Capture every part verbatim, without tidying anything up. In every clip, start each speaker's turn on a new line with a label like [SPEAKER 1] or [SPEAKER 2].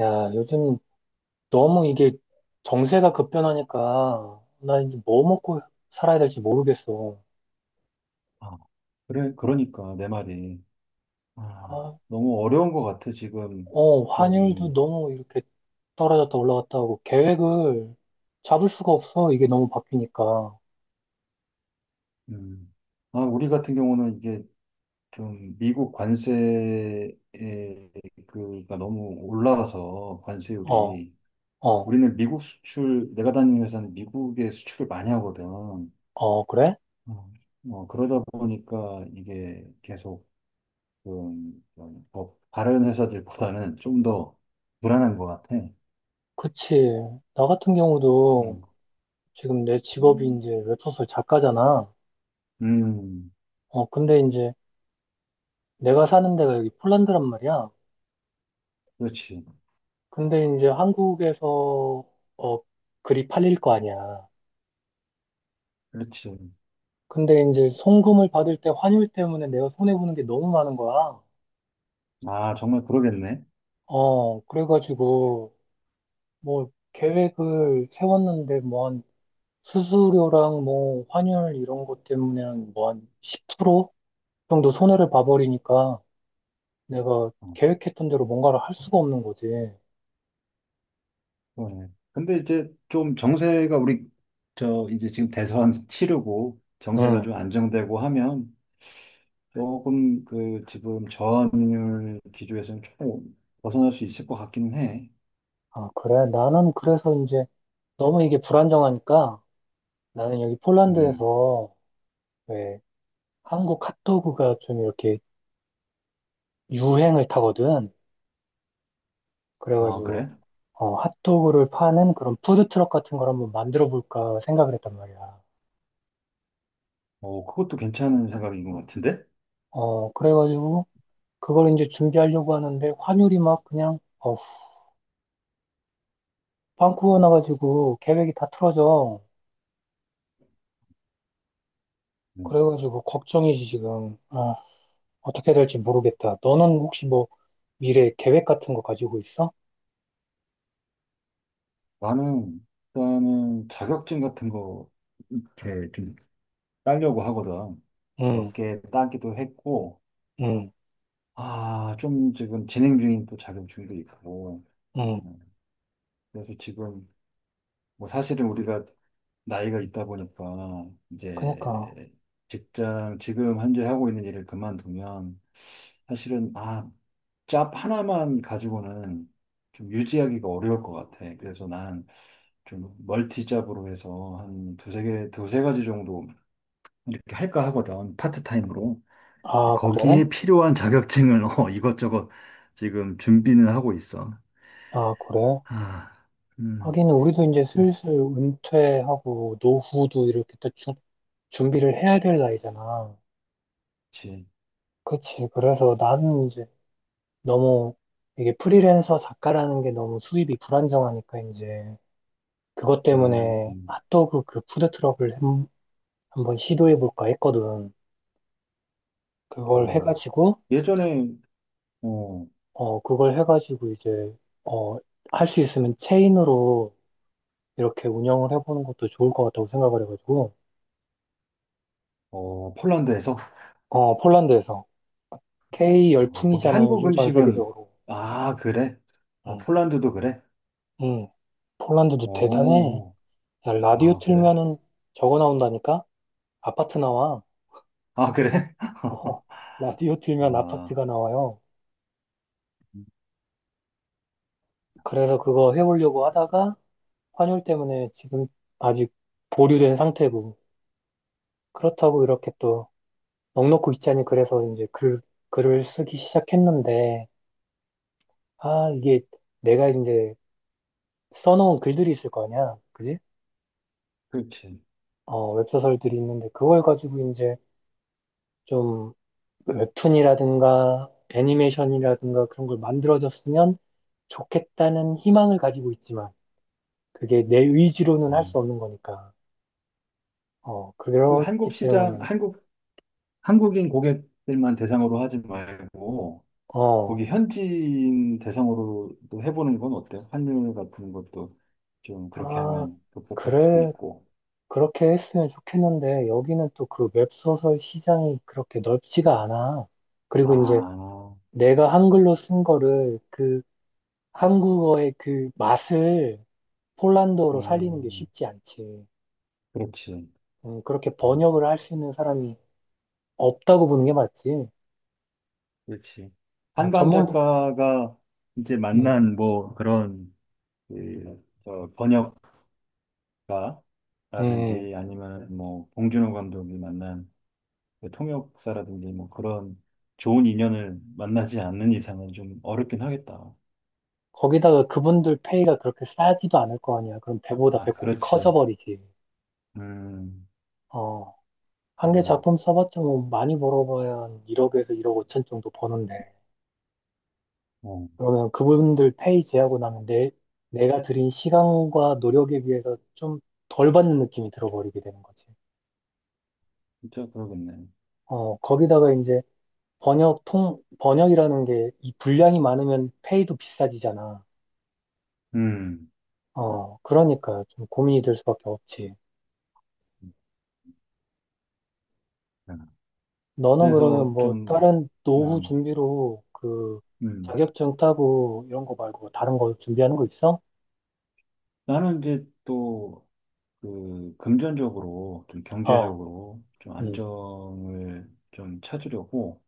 [SPEAKER 1] 야, 요즘 너무 이게 정세가 급변하니까 나 이제 뭐 먹고 살아야 될지 모르겠어.
[SPEAKER 2] 아, 그래, 그러니까, 내 말이. 아,
[SPEAKER 1] 아,
[SPEAKER 2] 너무 어려운 것 같아, 지금.
[SPEAKER 1] 어, 환율도
[SPEAKER 2] 좀,
[SPEAKER 1] 너무 이렇게 떨어졌다 올라갔다 하고 계획을 잡을 수가 없어. 이게 너무 바뀌니까. 어,
[SPEAKER 2] 음. 아, 우리 같은 경우는 이게 좀 미국 관세에, 그가 너무 올라가서, 관세율이.
[SPEAKER 1] 어,
[SPEAKER 2] 우리는 미국 수출, 내가 다니는 회사는 미국의 수출을 많이 하거든.
[SPEAKER 1] 어, 그래?
[SPEAKER 2] 어, 뭐 그러다 보니까 이게 계속, 좀, 좀더 다른 회사들보다는 좀 더 불안한 것 같아.
[SPEAKER 1] 그치. 나 같은
[SPEAKER 2] 음.
[SPEAKER 1] 경우도 지금 내 직업이 이제 웹소설 작가잖아.
[SPEAKER 2] 음.
[SPEAKER 1] 어, 근데 이제 내가 사는 데가 여기 폴란드란 말이야.
[SPEAKER 2] 그렇지,
[SPEAKER 1] 근데 이제 한국에서 어, 글이 팔릴 거 아니야.
[SPEAKER 2] 그렇지.
[SPEAKER 1] 근데 이제 송금을 받을 때 환율 때문에 내가 손해보는 게 너무 많은 거야.
[SPEAKER 2] 아, 정말 그러겠네.
[SPEAKER 1] 어, 그래가지고, 뭐, 계획을 세웠는데, 뭐, 한, 수수료랑 뭐, 환율 이런 것 때문에 한, 뭐, 한 십 프로 정도 손해를 봐버리니까 내가
[SPEAKER 2] 어,
[SPEAKER 1] 계획했던 대로 뭔가를 할 수가 없는 거지.
[SPEAKER 2] 그러네. 근데 이제 좀 정세가 우리, 저, 이제 지금 대선 치르고 정세가
[SPEAKER 1] 응.
[SPEAKER 2] 좀 안정되고 하면 조금 그 지금 저항률 기조에서는 조금 벗어날 수 있을 것 같기는 해.
[SPEAKER 1] 아, 그래. 나는 그래서 이제 너무 이게 불안정하니까 나는 여기
[SPEAKER 2] 음.
[SPEAKER 1] 폴란드에서 왜 한국 핫도그가 좀 이렇게 유행을 타거든.
[SPEAKER 2] 아,
[SPEAKER 1] 그래가지고,
[SPEAKER 2] 그래?
[SPEAKER 1] 어, 핫도그를 파는 그런 푸드트럭 같은 걸 한번 만들어 볼까 생각을 했단 말이야.
[SPEAKER 2] 어, 그것도 괜찮은 생각인 것 같은데?
[SPEAKER 1] 어, 그래가지고 그걸 이제 준비하려고 하는데 환율이 막 그냥 어, 빵꾸가 나가지고 계획이 다 틀어져.
[SPEAKER 2] 음.
[SPEAKER 1] 그래가지고 걱정이지 지금. 아, 어떻게 해야 될지 모르겠다. 너는 혹시 뭐 미래 계획 같은 거 가지고 있어?
[SPEAKER 2] 나는 일단은 자격증 같은 거 이렇게 좀 따려고 하거든.
[SPEAKER 1] 응,
[SPEAKER 2] 몇 개 따기도 했고,
[SPEAKER 1] 응,
[SPEAKER 2] 아, 좀 지금 진행 중인 또 자격증도 있고,
[SPEAKER 1] 응.
[SPEAKER 2] 음, 그래서 지금 뭐 사실은 우리가 나이가 있다 보니까
[SPEAKER 1] 그니까.
[SPEAKER 2] 이제 직장 지금 현재 하고 있는 일을 그만두면 사실은 아, 잡 하나만 가지고는 좀 유지하기가 어려울 것 같아. 그래서 난 좀 멀티 잡으로 해서 한 두세 개, 두세 가지 정도 이렇게 할까 하거든. 파트타임으로.
[SPEAKER 1] 아, 그래?
[SPEAKER 2] 거기에 필요한 자격증을 어, 이것저것 지금 준비는 하고 있어.
[SPEAKER 1] 아, 그래?
[SPEAKER 2] 아, 음,
[SPEAKER 1] 하긴 우리도 이제 슬슬 은퇴하고 노후도 이렇게 또 주- 준비를 해야 될 나이잖아.
[SPEAKER 2] 그치.
[SPEAKER 1] 그치. 그래서 나는 이제 너무 이게 프리랜서 작가라는 게 너무 수입이 불안정하니까 이제 그것
[SPEAKER 2] 음,
[SPEAKER 1] 때문에 핫도그 그 푸드트럭을 한- 한번 시도해 볼까 했거든. 그걸
[SPEAKER 2] 어,
[SPEAKER 1] 해가지고,
[SPEAKER 2] 예전에, 어,
[SPEAKER 1] 어, 그걸 해가지고 이제, 어, 할 수 있으면 체인으로 이렇게 운영을 해보는 것도 좋을 것 같다고 생각을 해가지고,
[SPEAKER 2] 어, 폴란드에서,
[SPEAKER 1] 어, 폴란드에서. K
[SPEAKER 2] 어, 거기
[SPEAKER 1] 열풍이잖아,
[SPEAKER 2] 한국
[SPEAKER 1] 요즘 전
[SPEAKER 2] 음식은,
[SPEAKER 1] 세계적으로.
[SPEAKER 2] 아, 그래? 아,
[SPEAKER 1] 응,
[SPEAKER 2] 폴란드도 그래?
[SPEAKER 1] 응. 폴란드도 대단해.
[SPEAKER 2] 어,
[SPEAKER 1] 야, 라디오
[SPEAKER 2] 아, 그래?
[SPEAKER 1] 틀면은 적어 나온다니까? 아파트 나와.
[SPEAKER 2] 아, 그래?
[SPEAKER 1] 어, 라디오 틀면
[SPEAKER 2] 아,
[SPEAKER 1] 아파트가 나와요. 그래서 그거 해보려고 하다가 환율 때문에 지금 아직 보류된 상태고 그렇다고 이렇게 또 넋놓고 있자니 그래서 이제 글, 글을 쓰기 시작했는데 아 이게 내가 이제 써놓은 글들이 있을 거 아니야. 그지?
[SPEAKER 2] 그렇지.
[SPEAKER 1] 어, 웹소설들이 있는데 그걸 가지고 이제 좀 웹툰이라든가 애니메이션이라든가 그런 걸 만들어졌으면 좋겠다는 희망을 가지고 있지만 그게 내 의지로는 할
[SPEAKER 2] 음.
[SPEAKER 1] 수 없는 거니까. 어,
[SPEAKER 2] 그
[SPEAKER 1] 그렇기
[SPEAKER 2] 한국 시장,
[SPEAKER 1] 때문에,
[SPEAKER 2] 한국, 한국인 고객들만 대상으로 하지 말고, 거기
[SPEAKER 1] 어,
[SPEAKER 2] 현지인 대상으로도 해보는 건 어때요? 환율 같은 것도 좀 그렇게
[SPEAKER 1] 아,
[SPEAKER 2] 하면 복잡할 수도
[SPEAKER 1] 그래,
[SPEAKER 2] 있고.
[SPEAKER 1] 그렇게 했으면 좋겠는데, 여기는 또 그 웹소설 시장이 그렇게 넓지가 않아. 그리고 이제
[SPEAKER 2] 아,
[SPEAKER 1] 내가 한글로 쓴 거를 그 한국어의 그 맛을 폴란드어로 살리는 게
[SPEAKER 2] 음,
[SPEAKER 1] 쉽지 않지.
[SPEAKER 2] 그렇지.
[SPEAKER 1] 음, 그렇게
[SPEAKER 2] 음,
[SPEAKER 1] 번역을 할 수 있는 사람이 없다고 보는 게 맞지.
[SPEAKER 2] 그렇지.
[SPEAKER 1] 어,
[SPEAKER 2] 한강
[SPEAKER 1] 전문, 부-
[SPEAKER 2] 작가가 이제
[SPEAKER 1] 음,
[SPEAKER 2] 만난 뭐 그런 그, 저
[SPEAKER 1] 음.
[SPEAKER 2] 번역가라든지 아니면 뭐 봉준호 감독이 만난 그 통역사라든지 뭐 그런 좋은 인연을 만나지 않는 이상은 좀 어렵긴 하겠다.
[SPEAKER 1] 거기다가 그분들 페이가 그렇게 싸지도 않을 거 아니야. 그럼 배보다
[SPEAKER 2] 아,
[SPEAKER 1] 배꼽이
[SPEAKER 2] 그렇지.
[SPEAKER 1] 커져버리지.
[SPEAKER 2] 음.
[SPEAKER 1] 어, 한 개
[SPEAKER 2] 음.
[SPEAKER 1] 작품 써봤자 뭐 많이 벌어봐야 한 일억에서 일억 오천 정도 버는데.
[SPEAKER 2] 어,
[SPEAKER 1] 그러면 그분들 페이 제하고 나면 내, 내가 들인 시간과 노력에 비해서 좀 덜 받는 느낌이 들어버리게 되는 거지.
[SPEAKER 2] 진짜 그러겠네.
[SPEAKER 1] 어, 거기다가 이제 번역 통, 번역이라는 게 이 분량이 많으면 페이도 비싸지잖아.
[SPEAKER 2] 음.
[SPEAKER 1] 어, 그러니까 좀 고민이 될 수밖에 없지. 너는
[SPEAKER 2] 그래서
[SPEAKER 1] 그러면 뭐
[SPEAKER 2] 좀,
[SPEAKER 1] 다른 노후
[SPEAKER 2] 음,
[SPEAKER 1] 준비로 그
[SPEAKER 2] 음.
[SPEAKER 1] 자격증 따고 이런 거 말고 다른 거 준비하는 거 있어?
[SPEAKER 2] 나는 이제 또, 그, 금전적으로, 좀
[SPEAKER 1] 어,
[SPEAKER 2] 경제적으로, 좀
[SPEAKER 1] 음.
[SPEAKER 2] 안정을 좀 찾으려고,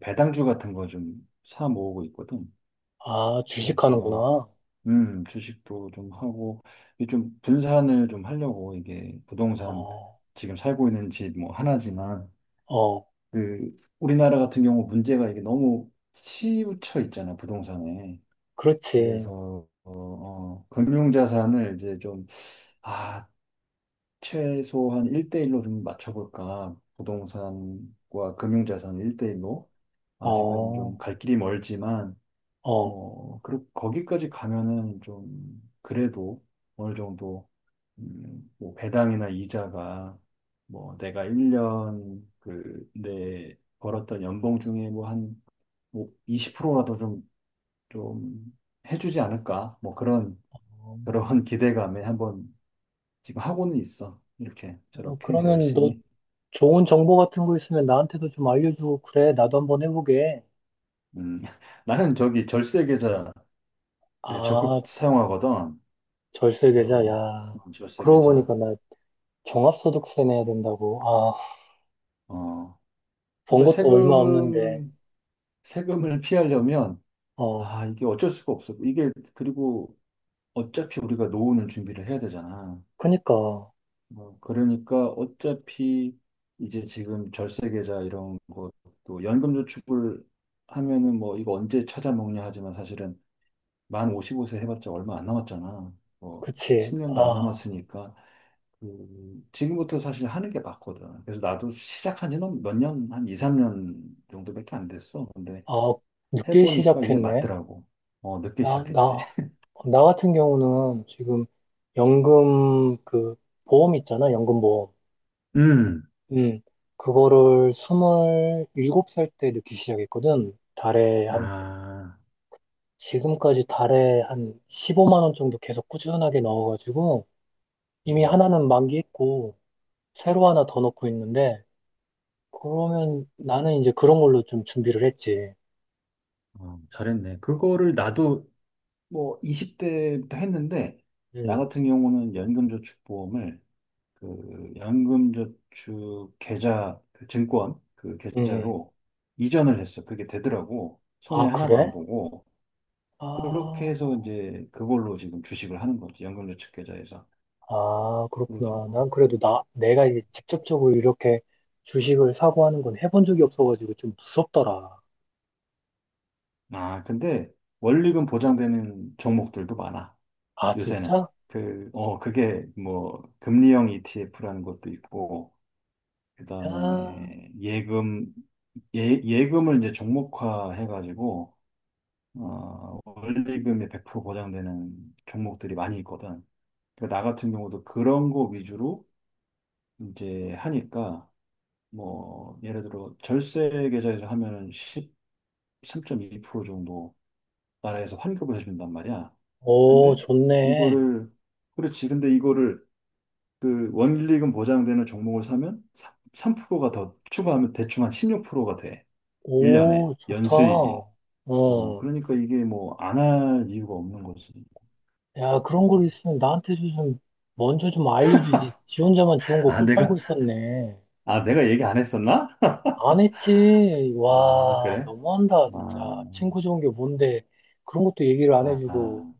[SPEAKER 2] 배당주 같은 거 좀 사 모으고 있거든.
[SPEAKER 1] 아,
[SPEAKER 2] 그래서,
[SPEAKER 1] 주식하는구나.
[SPEAKER 2] 음, 주식도 좀 하고, 이게 좀 분산을 좀 하려고, 이게 부동산,
[SPEAKER 1] 어,
[SPEAKER 2] 지금 살고 있는 집 뭐 하나지만,
[SPEAKER 1] 어,
[SPEAKER 2] 그, 우리나라 같은 경우 문제가 이게 너무 치우쳐 있잖아, 부동산에.
[SPEAKER 1] 그렇지.
[SPEAKER 2] 그래서 어, 어, 금융자산을 이제 좀, 아, 최소한 일 대일로 좀 맞춰볼까. 부동산과 금융자산 일 대일로. 아직은 좀
[SPEAKER 1] 어,
[SPEAKER 2] 갈 길이 멀지만,
[SPEAKER 1] 어.
[SPEAKER 2] 뭐, 그, 거기까지 가면은 좀, 그래도 어느 정도, 음, 뭐 배당이나 이자가, 뭐, 내가 일 년, 그, 내 벌었던 연봉 중에 뭐 한, 뭐, 이십 프로라도 좀, 좀, 해주지 않을까. 뭐 그런
[SPEAKER 1] 어,
[SPEAKER 2] 그런 기대감에 한번 지금 하고는 있어. 이렇게 저렇게
[SPEAKER 1] 그러면 너
[SPEAKER 2] 열심히.
[SPEAKER 1] 좋은 정보 같은 거 있으면 나한테도 좀 알려주고 그래. 나도 한번 해보게.
[SPEAKER 2] 음, 나는 저기 절세 계좌를
[SPEAKER 1] 아,
[SPEAKER 2] 적극 사용하거든.
[SPEAKER 1] 절세 계좌.
[SPEAKER 2] 그래서
[SPEAKER 1] 야,
[SPEAKER 2] 음, 절세
[SPEAKER 1] 그러고
[SPEAKER 2] 계좌.
[SPEAKER 1] 보니까 나 종합소득세 내야 된다고. 아,
[SPEAKER 2] 어,
[SPEAKER 1] 번
[SPEAKER 2] 그러니까
[SPEAKER 1] 것도 얼마 없는데.
[SPEAKER 2] 세금 세금을 피하려면
[SPEAKER 1] 어,
[SPEAKER 2] 아 이게 어쩔 수가 없어. 이게 그리고 어차피 우리가 노후는 준비를 해야 되잖아.
[SPEAKER 1] 그니까.
[SPEAKER 2] 뭐, 그러니까 어차피 이제 지금 절세 계좌 이런 것도 연금 저축을 하면은 뭐 이거 언제 찾아먹냐 하지만 사실은 만 오십오 세 해봤자 얼마 안 남았잖아. 뭐
[SPEAKER 1] 그치.
[SPEAKER 2] 십 년도 안
[SPEAKER 1] 아,
[SPEAKER 2] 남았으니까 그 지금부터 사실 하는 게 맞거든. 그래서 나도 시작한 지는 몇 년, 한 이, 삼 년 정도밖에 안 됐어. 근데
[SPEAKER 1] 아, 늦게
[SPEAKER 2] 해보니까 이게
[SPEAKER 1] 시작했네.
[SPEAKER 2] 맞더라고. 어, 늦게
[SPEAKER 1] 나,
[SPEAKER 2] 시작했지.
[SPEAKER 1] 나, 나 같은 경우는 지금 연금 그 보험 있잖아, 연금보험.
[SPEAKER 2] 음.
[SPEAKER 1] 음, 그거를 스물일곱 살 때 늦게 시작했거든. 달에 한,
[SPEAKER 2] 아,
[SPEAKER 1] 지금까지 달에 한 십오만 원 정도 계속 꾸준하게 넣어가지고 이미
[SPEAKER 2] 음,
[SPEAKER 1] 하나는 만기했고 새로 하나 더 넣고 있는데 그러면 나는 이제 그런 걸로 좀 준비를 했지.
[SPEAKER 2] 어, 잘했네. 그거를 나도 뭐 이십 대부터 했는데, 나
[SPEAKER 1] 음,
[SPEAKER 2] 같은 경우는 연금저축보험을 그 연금저축 계좌 그 증권 그
[SPEAKER 1] 음. 음.
[SPEAKER 2] 계좌로 이전을 했어. 그게 되더라고. 손해
[SPEAKER 1] 아,
[SPEAKER 2] 하나도 안
[SPEAKER 1] 그래?
[SPEAKER 2] 보고 그렇게
[SPEAKER 1] 아.
[SPEAKER 2] 해서 이제 그걸로 지금 주식을 하는 거지. 연금저축 계좌에서.
[SPEAKER 1] 아,
[SPEAKER 2] 그래서
[SPEAKER 1] 그렇구나. 난 그래도 나, 내가 이제 직접적으로 이렇게 주식을 사고 하는 건 해본 적이 없어가지고 좀 무섭더라.
[SPEAKER 2] 아 근데 원리금 보장되는 종목들도 많아.
[SPEAKER 1] 아,
[SPEAKER 2] 요새는
[SPEAKER 1] 진짜?
[SPEAKER 2] 그 어 그게 뭐 금리형 이티에프라는 것도 있고
[SPEAKER 1] 야,
[SPEAKER 2] 그다음에 예금 예, 예금을 이제 종목화 해가지고 어, 원리금이 백 프로 보장되는 종목들이 많이 있거든. 그러니까 나 같은 경우도 그런 거 위주로 이제 하니까 뭐 예를 들어 절세 계좌에서 하면 십삼 점 이 퍼센트 정도 나라에서 환급을 해준단 말이야.
[SPEAKER 1] 오,
[SPEAKER 2] 근데
[SPEAKER 1] 좋네.
[SPEAKER 2] 이거를 그렇지. 근데 이거를 그 원리금 보장되는 종목을 사면 삼 퍼센트가 더 추가하면 대충 한 십육 퍼센트가 돼. 일 년에
[SPEAKER 1] 오,
[SPEAKER 2] 연수익이.
[SPEAKER 1] 좋다.
[SPEAKER 2] 어,
[SPEAKER 1] 어,
[SPEAKER 2] 그러니까 이게 뭐 안할 이유가 없는 거지.
[SPEAKER 1] 야, 그런
[SPEAKER 2] 뭐.
[SPEAKER 1] 걸 있으면 나한테 좀 먼저 좀 알려주지. 지 혼자만 좋은 거
[SPEAKER 2] 아,
[SPEAKER 1] 꿀
[SPEAKER 2] 내가
[SPEAKER 1] 빨고 있었네.
[SPEAKER 2] 아, 내가 얘기 안 했었나?
[SPEAKER 1] 안 했지.
[SPEAKER 2] 아,
[SPEAKER 1] 와,
[SPEAKER 2] 그래?
[SPEAKER 1] 너무한다,
[SPEAKER 2] 아,
[SPEAKER 1] 진짜. 친구 좋은 게 뭔데. 그런 것도 얘기를 안
[SPEAKER 2] 아,
[SPEAKER 1] 해주고.
[SPEAKER 2] 아.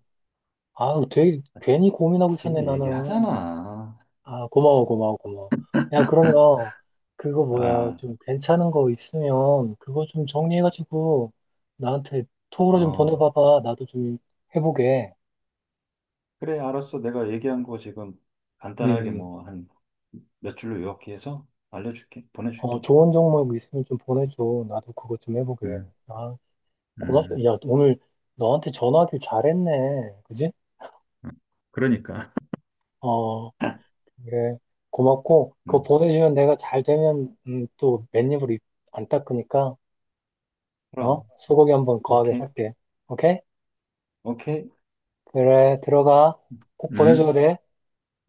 [SPEAKER 1] 아, 되게 괜히 고민하고 있었네,
[SPEAKER 2] 지금
[SPEAKER 1] 나는.
[SPEAKER 2] 얘기하잖아.
[SPEAKER 1] 아, 고마워, 고마워, 고마워. 야, 그러면 그거 뭐야,
[SPEAKER 2] 어,
[SPEAKER 1] 좀 괜찮은 거 있으면 그거 좀 정리해가지고 나한테 톡으로 좀
[SPEAKER 2] 어.
[SPEAKER 1] 보내봐봐. 나도 좀 해보게.
[SPEAKER 2] 그래, 알았어. 내가 얘기한 거 지금
[SPEAKER 1] 음,
[SPEAKER 2] 간단하게
[SPEAKER 1] 음.
[SPEAKER 2] 뭐 한 몇 줄로 요약해서 알려줄게.
[SPEAKER 1] 어,
[SPEAKER 2] 보내줄게.
[SPEAKER 1] 좋은 종목 있으면 좀 보내줘. 나도 그거 좀 해보게.
[SPEAKER 2] 음,
[SPEAKER 1] 아, 고맙다.
[SPEAKER 2] 음.
[SPEAKER 1] 야, 오늘 너한테 전화하길 잘했네. 그지?
[SPEAKER 2] 음. 그러니까.
[SPEAKER 1] 어, 그래. 고맙고, 그거
[SPEAKER 2] 음,
[SPEAKER 1] 보내주면 내가 잘 되면, 음, 또 맨입을 입- 안 닦으니까, 어?
[SPEAKER 2] 그럼.
[SPEAKER 1] 소고기 한번 거하게
[SPEAKER 2] 오케이,
[SPEAKER 1] 살게. 오케이?
[SPEAKER 2] 오케이.
[SPEAKER 1] 그래, 들어가. 꼭 보내줘야
[SPEAKER 2] 음,
[SPEAKER 1] 돼.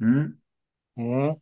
[SPEAKER 2] 음.
[SPEAKER 1] 응.